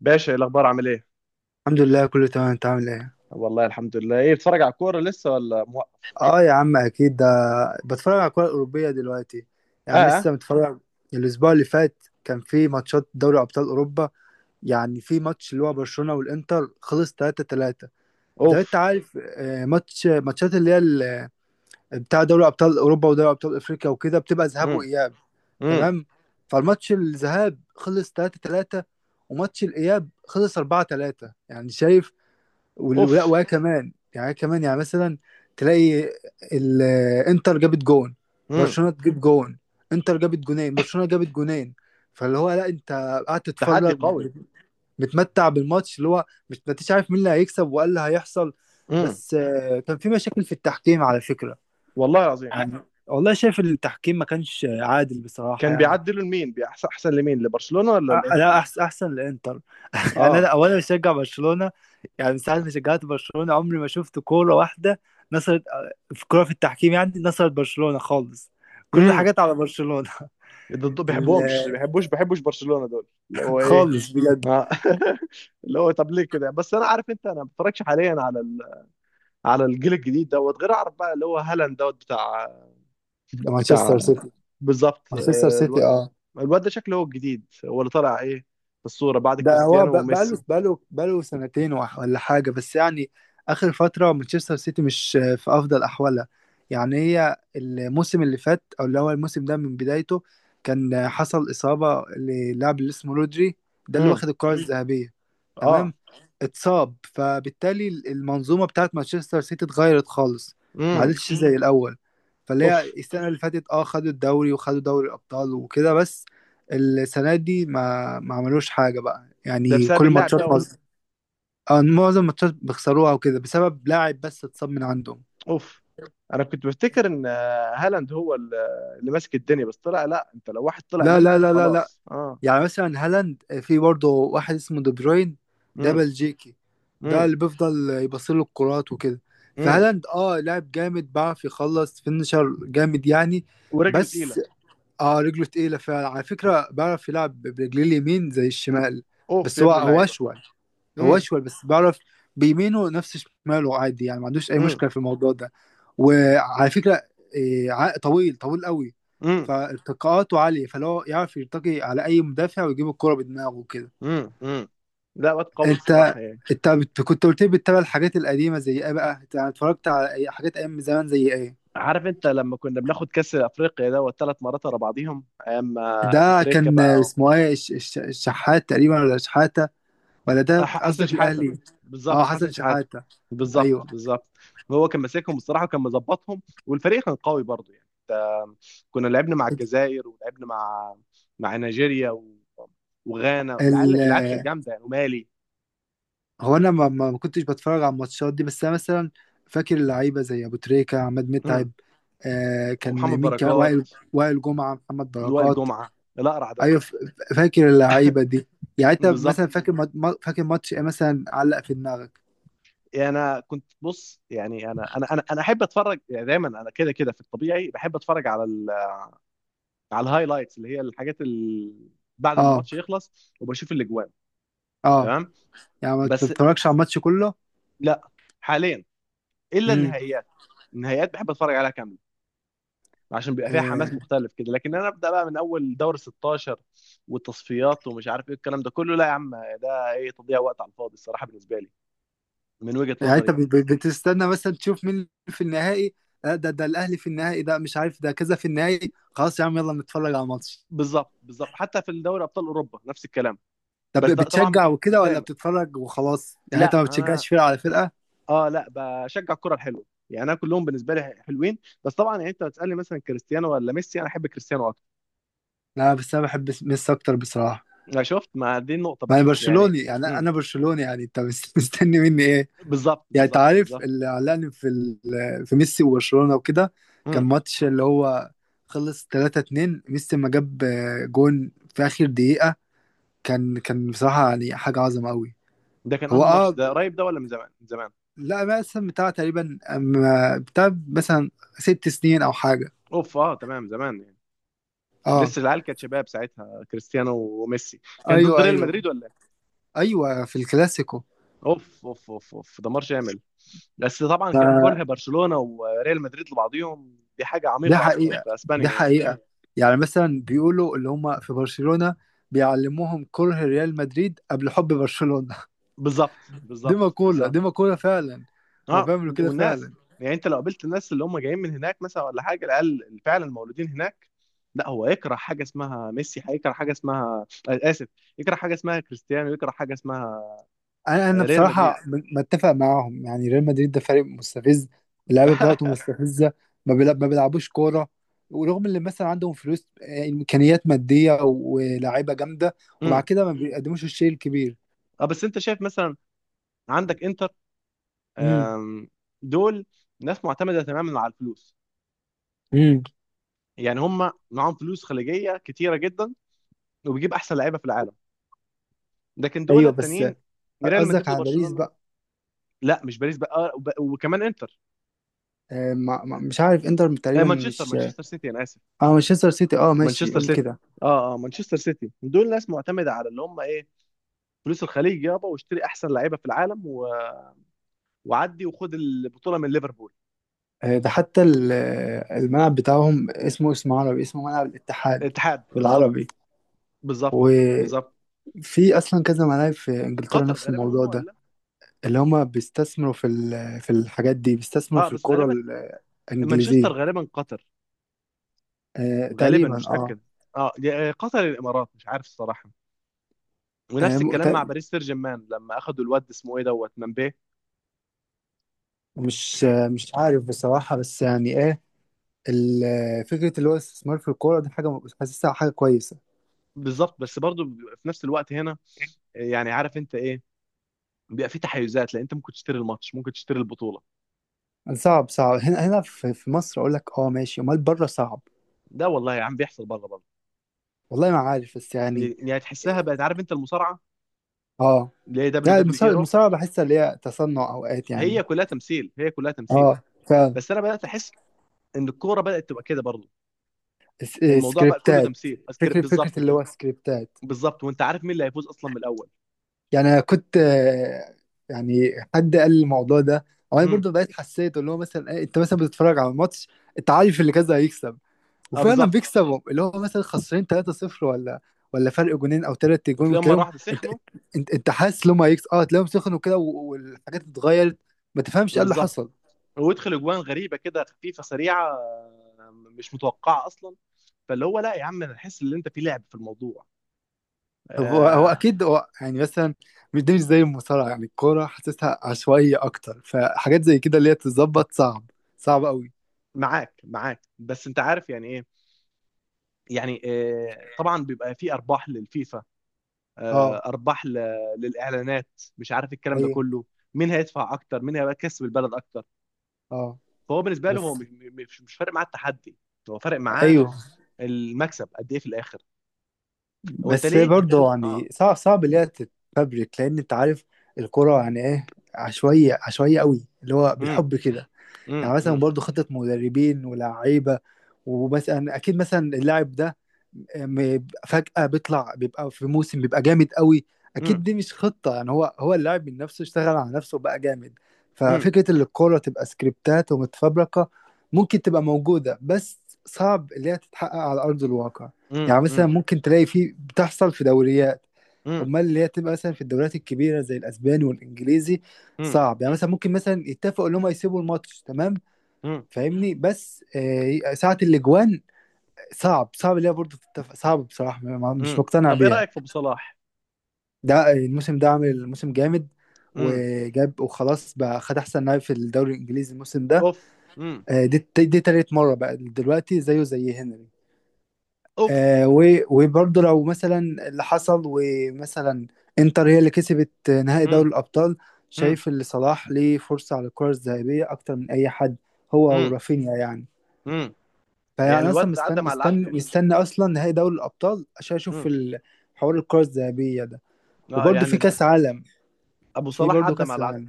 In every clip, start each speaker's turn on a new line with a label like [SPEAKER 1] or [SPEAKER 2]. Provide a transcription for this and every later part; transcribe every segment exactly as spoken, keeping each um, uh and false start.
[SPEAKER 1] باشا، ايه الاخبار؟ عامل ايه؟
[SPEAKER 2] الحمد لله، كله تمام. انت عامل ايه؟
[SPEAKER 1] والله الحمد لله. ايه، بتتفرج على الكوره لسه ولا موقف؟
[SPEAKER 2] اه يا عم، اكيد ده. بتفرج على الكرة الأوروبية دلوقتي،
[SPEAKER 1] اه،
[SPEAKER 2] يعني
[SPEAKER 1] آه.
[SPEAKER 2] لسه متفرج. الأسبوع اللي فات كان في ماتشات دوري أبطال أوروبا، يعني في ماتش اللي هو برشلونة والإنتر خلص ثلاثة ثلاثة. زي ما انت
[SPEAKER 1] اوف.
[SPEAKER 2] عارف، آه، ماتش ماتشات اللي هي ال- بتاع دوري أبطال أوروبا ودوري أبطال أفريقيا وكده، بتبقى ذهاب
[SPEAKER 1] امم.
[SPEAKER 2] وإياب.
[SPEAKER 1] امم.
[SPEAKER 2] تمام. فالماتش الذهاب خلص ثلاثة ثلاثة، وماتش الإياب خلص أربعة ثلاثة، يعني شايف؟ وال- ولا
[SPEAKER 1] اوف.
[SPEAKER 2] وهي كمان، يعني هي كمان يعني مثلا تلاقي الانتر جابت جون،
[SPEAKER 1] امم.
[SPEAKER 2] برشلونة تجيب جون، انتر جابت جونين، برشلونة جابت جونين. فاللي هو، لا، انت قاعد تتفرج
[SPEAKER 1] تحدي قوي.
[SPEAKER 2] مت- متمتع بالماتش، اللي هو مش ما انتش عارف مين اللي هيكسب وايه اللي هيحصل.
[SPEAKER 1] امم.
[SPEAKER 2] بس آه، كان في مشاكل في التحكيم، على فكرة،
[SPEAKER 1] والله العظيم.
[SPEAKER 2] يعني. والله شايف التحكيم ما كانش عادل بصراحة،
[SPEAKER 1] كان
[SPEAKER 2] يعني.
[SPEAKER 1] بيعدلوا لمين؟ بيحسن احسن لمين، لبرشلونه ولا
[SPEAKER 2] أ- لا،
[SPEAKER 1] الانتر؟
[SPEAKER 2] احسن، احسن الانتر. يعني انا
[SPEAKER 1] اه.
[SPEAKER 2] اولا بشجع برشلونه، يعني من ساعه ما شجعت برشلونه عمري ما شفت كوره واحده نصرت آه، في كوره في التحكيم، يعني نصرت برشلونه خالص، كل
[SPEAKER 1] امم.
[SPEAKER 2] الحاجات على برشلونه.
[SPEAKER 1] ضد،
[SPEAKER 2] ال-
[SPEAKER 1] بيحبوهمش بيحبوش بيحبوش برشلونه دول، اللي هو ايه؟
[SPEAKER 2] خالص بجد.
[SPEAKER 1] اه. اللي هو طب ليه كده؟ بس انا عارف انت، انا ما بتفرجش حاليا على ال... على الجيل الجديد دوت. غير اعرف بقى اللي هو هالاند دوت، بتاع.
[SPEAKER 2] مانشستر
[SPEAKER 1] بتاع،
[SPEAKER 2] سيتي.
[SPEAKER 1] بالظبط.
[SPEAKER 2] مانشستر
[SPEAKER 1] آه،
[SPEAKER 2] سيتي، اه.
[SPEAKER 1] الواد ده شكله هو الجديد، هو اللي طالع ايه في الصورة بعد
[SPEAKER 2] ده هو
[SPEAKER 1] كريستيانو
[SPEAKER 2] ب- بقاله
[SPEAKER 1] وميسي.
[SPEAKER 2] بقاله بقاله سنتين وح- ولا حاجة، بس يعني آخر فترة مانشستر سيتي مش في أفضل أحوالها. يعني هي الموسم اللي فات، أو اللي هو الموسم ده من بدايته، كان حصل إصابة للاعب اللي اسمه رودري. ده اللي
[SPEAKER 1] امم.
[SPEAKER 2] واخد الكرة مم. الذهبية.
[SPEAKER 1] اه.
[SPEAKER 2] تمام. اتصاب، فبالتالي المنظومة بتاعت مانشستر سيتي اتغيرت خالص. ما
[SPEAKER 1] امم.
[SPEAKER 2] عادتش مم. زي الأول. فاللي هي
[SPEAKER 1] اوف.
[SPEAKER 2] السنة اللي فاتت، اه خدوا الدوري وخدوا دوري الأبطال وكده، بس السنة دي ما ما عملوش حاجة بقى،
[SPEAKER 1] ده
[SPEAKER 2] يعني
[SPEAKER 1] بسبب
[SPEAKER 2] كل
[SPEAKER 1] اللاعب
[SPEAKER 2] ماتشات
[SPEAKER 1] دوت.
[SPEAKER 2] مصر، آه، معظم الماتشات بيخسروها وكده، بسبب لاعب بس اتصاب من عندهم.
[SPEAKER 1] اوف. انا كنت بفتكر ان آه، هالاند هو ال- اللي ماسك الدنيا، بس طلع لا. انت لو واحد طلع
[SPEAKER 2] لا، لا،
[SPEAKER 1] منهم
[SPEAKER 2] لا، لا، لا.
[SPEAKER 1] خلاص. اه.
[SPEAKER 2] يعني مثلا هالاند، آه، في برضه واحد اسمه دي بروين، ده
[SPEAKER 1] امم.
[SPEAKER 2] بلجيكي. ده
[SPEAKER 1] امم.
[SPEAKER 2] اللي بيفضل يبصله الكرات وكده،
[SPEAKER 1] امم.
[SPEAKER 2] فهالاند اه لاعب جامد، بيعرف يخلص فينشر جامد، يعني.
[SPEAKER 1] ورجله تقيلة.
[SPEAKER 2] بس. اه، رجله تقيلة فعلا على فكرة، بعرف يلعب برجليه اليمين زي
[SPEAKER 1] مم.
[SPEAKER 2] الشمال.
[SPEAKER 1] اوف
[SPEAKER 2] بس
[SPEAKER 1] يا
[SPEAKER 2] هو
[SPEAKER 1] ابن
[SPEAKER 2] هو
[SPEAKER 1] اللعيبة.
[SPEAKER 2] أشول. هو
[SPEAKER 1] امم.
[SPEAKER 2] أشول، بس بعرف بيمينه نفس شماله، عادي يعني، ما عندوش أي
[SPEAKER 1] امم.
[SPEAKER 2] مشكلة في الموضوع ده. وعلى فكرة إيه، ع- طويل، طويل قوي،
[SPEAKER 1] امم.
[SPEAKER 2] فارتقاءاته عالية، فلو يعرف يرتقي على أي مدافع ويجيب الكرة بدماغه كده.
[SPEAKER 1] امم. امم. لا واد قوي
[SPEAKER 2] انت
[SPEAKER 1] الصراحة يعني.
[SPEAKER 2] انت بت- كنت قلت لي بتتابع الحاجات القديمه زي ايه بقى؟ انت اتفرجت على أي حاجات ايام زمان زي ايه؟
[SPEAKER 1] عارف انت لما كنا بناخد كاس افريقيا دوت ثلاث مرات ورا بعضيهم، ايام آه، ابو
[SPEAKER 2] ده
[SPEAKER 1] تريكة
[SPEAKER 2] كان
[SPEAKER 1] بقى.
[SPEAKER 2] اسمه ايه، الش- الش- الشحات تقريبا، ولا شحاته؟ ولا ده
[SPEAKER 1] ح- حسن
[SPEAKER 2] قصدك
[SPEAKER 1] شحاته.
[SPEAKER 2] الاهلي؟ اه،
[SPEAKER 1] بالظبط، حسن
[SPEAKER 2] حسن
[SPEAKER 1] شحاته.
[SPEAKER 2] شحاته.
[SPEAKER 1] بالظبط،
[SPEAKER 2] ايوه.
[SPEAKER 1] بالظبط. هو كان ماسكهم بصراحه، وكان مظبطهم، والفريق كان قوي برضو يعني. انت، كنا لعبنا مع الجزائر، ولعبنا مع مع نيجيريا و... وغانا.
[SPEAKER 2] ال...
[SPEAKER 1] العيال العيال كانت جامده يعني، ومالي.
[SPEAKER 2] هو انا ما, ما ما كنتش بتفرج على الماتشات دي، بس انا مثلا فاكر اللعيبه زي ابو تريكه، عماد
[SPEAKER 1] مم.
[SPEAKER 2] متعب، آه كان
[SPEAKER 1] ومحمد
[SPEAKER 2] مين، كان
[SPEAKER 1] بركات.
[SPEAKER 2] وائل، وائل جمعه، محمد
[SPEAKER 1] وائل
[SPEAKER 2] بركات.
[SPEAKER 1] جمعه. الاقرع ده.
[SPEAKER 2] ايوه، ف- فاكر اللعيبه دي. يعني انت
[SPEAKER 1] بالظبط.
[SPEAKER 2] مثلا فاكر مات- ما- فاكر ماتش ايه مثلا علق في دماغك؟
[SPEAKER 1] يعني انا كنت بص، يعني انا انا انا انا احب اتفرج يعني. دايما انا كده كده في الطبيعي بحب اتفرج على ال... على الهايلايتس، اللي هي الحاجات ال... بعد ما
[SPEAKER 2] اه.
[SPEAKER 1] الماتش يخلص وبشوف الاجوان.
[SPEAKER 2] اه.
[SPEAKER 1] تمام.
[SPEAKER 2] يعني ما
[SPEAKER 1] بس
[SPEAKER 2] بتتفرجش على الماتش كله.
[SPEAKER 1] لا، حاليا الا النهائيات. النهائيات بحب اتفرج عليها كامله، عشان بيبقى فيها حماس
[SPEAKER 2] امم.
[SPEAKER 1] مختلف كده. لكن انا ابدا بقى من اول دور ستاشر والتصفيات ومش عارف ايه الكلام ده كله، لا يا عم. ده ايه، تضييع وقت على الفاضي الصراحه بالنسبه لي، من وجهه
[SPEAKER 2] يعني انت
[SPEAKER 1] نظري يعني.
[SPEAKER 2] بت- بت- بتستنى مثلا تشوف مين في النهائي، آه، ده ده الاهلي في النهائي، ده مش عارف، ده كذا في النهائي، خلاص يا عم يلا نتفرج على ماتش.
[SPEAKER 1] بالظبط، بالظبط. حتى في الدوري ابطال اوروبا نفس الكلام.
[SPEAKER 2] طب
[SPEAKER 1] بس ده طبعا.
[SPEAKER 2] بتشجع
[SPEAKER 1] مش
[SPEAKER 2] وكده ولا
[SPEAKER 1] دايما.
[SPEAKER 2] بتتفرج وخلاص؟ يعني انت
[SPEAKER 1] لا
[SPEAKER 2] ما
[SPEAKER 1] انا،
[SPEAKER 2] بتشجعش فرقه على فرقه.
[SPEAKER 1] اه، لا بشجع الكره الحلوه يعني، انا كلهم بالنسبه لي حلوين. بس طبعا يعني، انت بتسالني مثلا كريستيانو ولا ميسي، انا احب كريستيانو اكتر.
[SPEAKER 2] لا، بس انا بحب ميسي اكتر بصراحه.
[SPEAKER 1] أنا شفت، ما دي النقطه
[SPEAKER 2] ما
[SPEAKER 1] بقى
[SPEAKER 2] انا
[SPEAKER 1] يعني.
[SPEAKER 2] برشلوني، يعني انا برشلوني، يعني انت مس- مستني مني ايه؟
[SPEAKER 1] بالظبط،
[SPEAKER 2] يعني انت
[SPEAKER 1] بالظبط،
[SPEAKER 2] عارف
[SPEAKER 1] بالظبط.
[SPEAKER 2] اللي علقني في ال- في ميسي وبرشلونه وكده. كان
[SPEAKER 1] امم.
[SPEAKER 2] ماتش اللي هو خلص ثلاثة اتنين، ميسي ما جاب آه، جون في اخر دقيقه. كان كان بصراحه، يعني حاجه عظمه قوي.
[SPEAKER 1] ده كان
[SPEAKER 2] هو،
[SPEAKER 1] انه ماتش
[SPEAKER 2] اه،
[SPEAKER 1] ده قريب، ده ولا من زمان؟ من زمان.
[SPEAKER 2] لا مثلا بتاع تقريبا أم- بتاع مثلا ست سنين او حاجه.
[SPEAKER 1] اوف. اه، تمام، زمان يعني.
[SPEAKER 2] اه.
[SPEAKER 1] لسه العيال كانت شباب ساعتها، كريستيانو وميسي. كان ضد
[SPEAKER 2] ايوه،
[SPEAKER 1] ريال
[SPEAKER 2] ايوه،
[SPEAKER 1] مدريد ولا إيه؟
[SPEAKER 2] ايوه في الكلاسيكو.
[SPEAKER 1] اوف، اوف، اوف، اوف، دمار شامل. بس طبعا ك-
[SPEAKER 2] ف-
[SPEAKER 1] كره برشلونة وريال مدريد لبعضهم دي حاجة
[SPEAKER 2] ده
[SPEAKER 1] عميقة اصلا
[SPEAKER 2] حقيقه،
[SPEAKER 1] في
[SPEAKER 2] ده
[SPEAKER 1] اسبانيا يعني.
[SPEAKER 2] حقيقه. يعني مثلا بيقولوا اللي هم في برشلونه بيعلموهم كره ريال مدريد قبل حب برشلونه.
[SPEAKER 1] بالظبط،
[SPEAKER 2] دي
[SPEAKER 1] بالظبط،
[SPEAKER 2] مقوله،
[SPEAKER 1] بالظبط.
[SPEAKER 2] دي مقوله فعلا. هو
[SPEAKER 1] اه.
[SPEAKER 2] بيعملوا كده
[SPEAKER 1] والناس،
[SPEAKER 2] فعلا.
[SPEAKER 1] يعني انت لو قابلت الناس اللي هم جايين من هناك مثلا ولا حاجه، العيال اللي فعلا مولودين هناك، لا. هو يكره حاجه اسمها ميسي، هيكره حاجه اسمها، آه، اسف، يكره حاجه اسمها كريستيانو، يكره حاجه اسمها،
[SPEAKER 2] انا انا
[SPEAKER 1] آه، ريال مدريد.
[SPEAKER 2] بصراحه م- متفق معاهم، يعني ريال مدريد ده فريق مستفز، اللعيبه بتاعته مستفزه. ما بيلع- ما بيلعبوش كوره، ورغم اللي مثلا عندهم فلوس، آه، امكانيات ماديه و- ولاعيبه جامده، ومع
[SPEAKER 1] امم.
[SPEAKER 2] كده ما بيقدموش الشيء الكبير.
[SPEAKER 1] اه، بس انت شايف مثلا عندك انتر،
[SPEAKER 2] امم،
[SPEAKER 1] آم، دول ناس معتمده تماما على الفلوس.
[SPEAKER 2] امم.
[SPEAKER 1] يعني هم معاهم فلوس خليجيه كتيره جدا، وبيجيب احسن لعيبه في العالم. لكن دول
[SPEAKER 2] ايوه، بس
[SPEAKER 1] التانيين، ريال
[SPEAKER 2] قصدك
[SPEAKER 1] مدريد
[SPEAKER 2] على باريس
[SPEAKER 1] وبرشلونه.
[SPEAKER 2] بقى؟
[SPEAKER 1] لا مش باريس بقى، آه، وب- وكمان انتر.
[SPEAKER 2] آه، ما- ما- مش عارف، انتر
[SPEAKER 1] آه،
[SPEAKER 2] تقريبا
[SPEAKER 1] مانشستر،
[SPEAKER 2] مش.
[SPEAKER 1] مانشستر سيتي، انا اسف.
[SPEAKER 2] اه، مانشستر سيتي، اه، ماشي
[SPEAKER 1] مانشستر
[SPEAKER 2] قول
[SPEAKER 1] سيتي.
[SPEAKER 2] كده.
[SPEAKER 1] اه، اه، مانشستر سيتي دول ناس معتمده على اللي هم ايه، فلوس الخليج، يابا واشتري احسن لعيبه في العالم و... وعدي وخد البطوله من ليفربول.
[SPEAKER 2] آه، ده حتى ال- آه، الملعب بتاعهم اسمه اسم عربي، اسمه ملعب الاتحاد،
[SPEAKER 1] الاتحاد، بالظبط.
[SPEAKER 2] بالعربي.
[SPEAKER 1] بالظبط، بالظبط.
[SPEAKER 2] في اصلا كذا ملاعب في انجلترا
[SPEAKER 1] قطر
[SPEAKER 2] نفس
[SPEAKER 1] غالبا هم،
[SPEAKER 2] الموضوع ده،
[SPEAKER 1] ولا؟
[SPEAKER 2] اللي هما بيستثمروا في ال- في الحاجات دي، بيستثمروا
[SPEAKER 1] اه،
[SPEAKER 2] في
[SPEAKER 1] بس
[SPEAKER 2] الكرة
[SPEAKER 1] غالبا مانشستر
[SPEAKER 2] الانجليزية.
[SPEAKER 1] غالبا قطر.
[SPEAKER 2] آه،
[SPEAKER 1] غالبا،
[SPEAKER 2] تقريبا
[SPEAKER 1] مش
[SPEAKER 2] اه,
[SPEAKER 1] متاكد. اه، يا، آه، قطر يا الامارات، مش عارف الصراحه.
[SPEAKER 2] آه
[SPEAKER 1] ونفس
[SPEAKER 2] م-
[SPEAKER 1] الكلام مع
[SPEAKER 2] تق-
[SPEAKER 1] باريس سان جيرمان لما اخدوا الواد اسمه ايه دوت، ممبي.
[SPEAKER 2] مش آه مش عارف بصراحة، بس يعني ايه، ال- آه، فكرة اللي هو الاستثمار في الكورة دي حاجة م- حاسسها حاجة كويسة.
[SPEAKER 1] بالظبط. بس برضو في نفس الوقت هنا، يعني عارف انت ايه، بيبقى في تحيزات، لان انت ممكن تشتري الماتش، ممكن تشتري البطوله.
[SPEAKER 2] صعب، صعب هنا، هنا في في مصر أقول لك، اه ماشي، أمال بره صعب.
[SPEAKER 1] ده والله يا عم بيحصل بره برضه.
[SPEAKER 2] والله ما عارف، بس يعني.
[SPEAKER 1] يعني تحسها بقت، عارف انت المصارعه
[SPEAKER 2] اه،
[SPEAKER 1] اللي هي دبليو
[SPEAKER 2] لا،
[SPEAKER 1] دبليو اي
[SPEAKER 2] المصارعة،
[SPEAKER 1] رو،
[SPEAKER 2] المصارعة بحسها اللي هي تصنع أوقات، يعني.
[SPEAKER 1] هي كلها تمثيل، هي كلها تمثيل.
[SPEAKER 2] اه.
[SPEAKER 1] بس انا بدات احس ان الكوره بدات تبقى كده برضه.
[SPEAKER 2] س- آه،
[SPEAKER 1] الموضوع بقى كله
[SPEAKER 2] سكريبتات،
[SPEAKER 1] تمثيل، أذكر
[SPEAKER 2] فكرة، فكرة
[SPEAKER 1] بالظبط
[SPEAKER 2] اللي
[SPEAKER 1] كده.
[SPEAKER 2] هو سكريبتات.
[SPEAKER 1] بالظبط، وانت عارف مين اللي هيفوز اصلا من الاول.
[SPEAKER 2] يعني أنا كنت، آه، يعني حد قال لي الموضوع ده، أو أنا
[SPEAKER 1] امم.
[SPEAKER 2] برضه بقيت حسيت اللي هو مثلا، إيه، أنت مثلا بتتفرج على الماتش، أنت عارف اللي كذا هيكسب،
[SPEAKER 1] اه،
[SPEAKER 2] وفعلا
[SPEAKER 1] بالظبط.
[SPEAKER 2] بيكسبوا اللي هو مثلا خسرين ثلاثة صفر، ولا، ولا فرق جونين أو تلات جون،
[SPEAKER 1] وتلاقيهم مره
[SPEAKER 2] وتلاقيهم،
[SPEAKER 1] واحده
[SPEAKER 2] أنت
[SPEAKER 1] سخنوا.
[SPEAKER 2] أنت أنت حاسس إن هم هيكسبوا، أه تلاقيهم سخنوا كده، و- والحاجات اتغيرت، ما تفهمش إيه اللي
[SPEAKER 1] بالظبط.
[SPEAKER 2] حصل.
[SPEAKER 1] ويدخل اجوان غريبه كده، خفيفه سريعه، آه، مش متوقعه اصلا. فاللي هو لا يا عم، انا احس ان انت في لعب في الموضوع.
[SPEAKER 2] طب هو هو
[SPEAKER 1] آه.
[SPEAKER 2] اكيد، هو يعني مثلا مش دي، مش زي المصارعه، يعني الكوره حاسسها عشوائيه اكتر، فحاجات زي كده اللي هي تتظبط صعب، صعب قوي.
[SPEAKER 1] معاك، معاك. بس انت عارف يعني ايه، يعني آه، طبعا بيبقى في ارباح للفيفا، آه،
[SPEAKER 2] اه،
[SPEAKER 1] ارباح ل- للاعلانات، مش عارف الكلام ده
[SPEAKER 2] ايوه،
[SPEAKER 1] كله، مين هيدفع اكتر، مين هيبقى كسب البلد اكتر.
[SPEAKER 2] اه،
[SPEAKER 1] فهو بالنسبه له هو
[SPEAKER 2] بس
[SPEAKER 1] مش مش- مش فارق معاه التحدي. هو فارق معاه
[SPEAKER 2] ايوه.
[SPEAKER 1] المكسب قد ايه في الاخر. وانت
[SPEAKER 2] بس
[SPEAKER 1] ليه.
[SPEAKER 2] برضه،
[SPEAKER 1] اه.
[SPEAKER 2] يعني صعب، صعب اللي هي تتفبرك، لان انت عارف الكوره يعني ايه، عشوائيه، عشوائيه قوي، اللي هو
[SPEAKER 1] امم.
[SPEAKER 2] بالحب كده.
[SPEAKER 1] امم.
[SPEAKER 2] يعني مثلا
[SPEAKER 1] امم.
[SPEAKER 2] برضو خطة مدربين ولاعيبة، ومثلا اكيد مثلا اللاعب ده م- فجأة بيطلع، بيبقى في موسم بيبقى جامد قوي.
[SPEAKER 1] امم.
[SPEAKER 2] اكيد دي مش خطة، يعني هو هو اللاعب من نفسه اشتغل على نفسه وبقى جامد.
[SPEAKER 1] امم.
[SPEAKER 2] ففكرة ان الكورة تبقى سكريبتات ومتفبركة ممكن تبقى موجودة، بس صعب اللي هي تتحقق على ارض الواقع.
[SPEAKER 1] امم.
[SPEAKER 2] يعني مثلا
[SPEAKER 1] امم.
[SPEAKER 2] ممكن تلاقي في، بتحصل في دوريات،
[SPEAKER 1] امم.
[SPEAKER 2] امال اللي هي تبقى مثلا في الدوريات الكبيرة زي الاسباني والانجليزي
[SPEAKER 1] امم.
[SPEAKER 2] صعب، يعني مثلا ممكن مثلا يتفقوا ان هم يسيبوا الماتش، تمام،
[SPEAKER 1] امم.
[SPEAKER 2] فاهمني، بس آه، ساعة الاجوان صعب، صعب اللي هي برضه تتفق، صعب بصراحة، ما- مش
[SPEAKER 1] امم.
[SPEAKER 2] مقتنع
[SPEAKER 1] طب ايه
[SPEAKER 2] بيها.
[SPEAKER 1] رايك في ابو صلاح؟
[SPEAKER 2] ده الموسم ده عامل موسم جامد،
[SPEAKER 1] امم.
[SPEAKER 2] وجاب، وخلاص بقى خد احسن لاعب في الدوري الانجليزي الموسم ده.
[SPEAKER 1] اوف. امم.
[SPEAKER 2] آه، دي دي تالت مرة بقى دلوقتي، زيه زي هنري.
[SPEAKER 1] اوف.
[SPEAKER 2] آه، و- وبرضه لو مثلا اللي حصل، ومثلا انتر هي اللي كسبت نهائي دوري
[SPEAKER 1] امم.
[SPEAKER 2] الابطال،
[SPEAKER 1] امم.
[SPEAKER 2] شايف ان صلاح ليه فرصة على الكرة الذهبية اكتر من اي حد، هو
[SPEAKER 1] امم.
[SPEAKER 2] ورافينيا يعني.
[SPEAKER 1] امم.
[SPEAKER 2] فيعني
[SPEAKER 1] يعني
[SPEAKER 2] انا اصلا
[SPEAKER 1] الواد ده
[SPEAKER 2] مستني،
[SPEAKER 1] عدى مع اللي
[SPEAKER 2] مستني،
[SPEAKER 1] عدوا يعني.
[SPEAKER 2] مستني اصلا نهائي دوري الابطال عشان اشوف
[SPEAKER 1] امم.
[SPEAKER 2] ال- حوار الكرة الذهبية ده،
[SPEAKER 1] اه
[SPEAKER 2] وبرده في
[SPEAKER 1] يعني.
[SPEAKER 2] كاس عالم،
[SPEAKER 1] ابو
[SPEAKER 2] في
[SPEAKER 1] صلاح
[SPEAKER 2] برده
[SPEAKER 1] عدى مع
[SPEAKER 2] كاس
[SPEAKER 1] العدو.
[SPEAKER 2] العالم.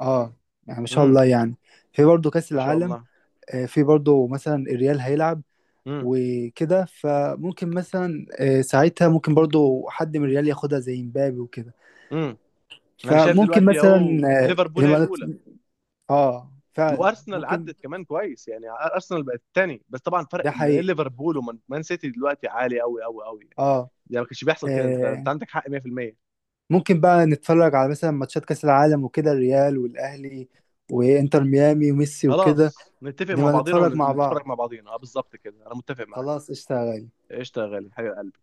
[SPEAKER 2] اه، يعني ما شاء
[SPEAKER 1] امم.
[SPEAKER 2] الله يعني، في برده كاس
[SPEAKER 1] ما شاء
[SPEAKER 2] العالم.
[SPEAKER 1] الله.
[SPEAKER 2] آه، في برده مثلا الريال هيلعب
[SPEAKER 1] امم.
[SPEAKER 2] وكده، فممكن مثلا، آه، ساعتها ممكن برده حد من الريال ياخدها زي مبابي وكده.
[SPEAKER 1] امم. انا شايف
[SPEAKER 2] فممكن
[SPEAKER 1] دلوقتي
[SPEAKER 2] مثلا،
[SPEAKER 1] اهو
[SPEAKER 2] آه،
[SPEAKER 1] ليفربول هي
[SPEAKER 2] نبقى نت-
[SPEAKER 1] الاولى.
[SPEAKER 2] اه فعلا
[SPEAKER 1] وارسنال
[SPEAKER 2] ممكن،
[SPEAKER 1] عدت كمان كويس، يعني ارسنال بقت الثاني. بس طبعا فرق
[SPEAKER 2] ده
[SPEAKER 1] ما بين
[SPEAKER 2] حقيقي.
[SPEAKER 1] ليفربول ومان، مان سيتي دلوقتي عالي قوي قوي قوي يعني.
[SPEAKER 2] اه،
[SPEAKER 1] ده ما كانش بيحصل كده، انت انت
[SPEAKER 2] آه،
[SPEAKER 1] عندك حق مية في المية.
[SPEAKER 2] ممكن بقى نتفرج على مثلا ماتشات كأس العالم وكده، الريال والأهلي وإنتر ميامي وميسي وكده،
[SPEAKER 1] خلاص نتفق مع
[SPEAKER 2] نبقى
[SPEAKER 1] بعضينا
[SPEAKER 2] نتفرج مع بعض.
[SPEAKER 1] ونتفرج مع بعضينا، اه بالظبط كده، انا متفق معاك.
[SPEAKER 2] خلاص، اشتغل.
[SPEAKER 1] قشطه يا غالي، حبيب قلبي.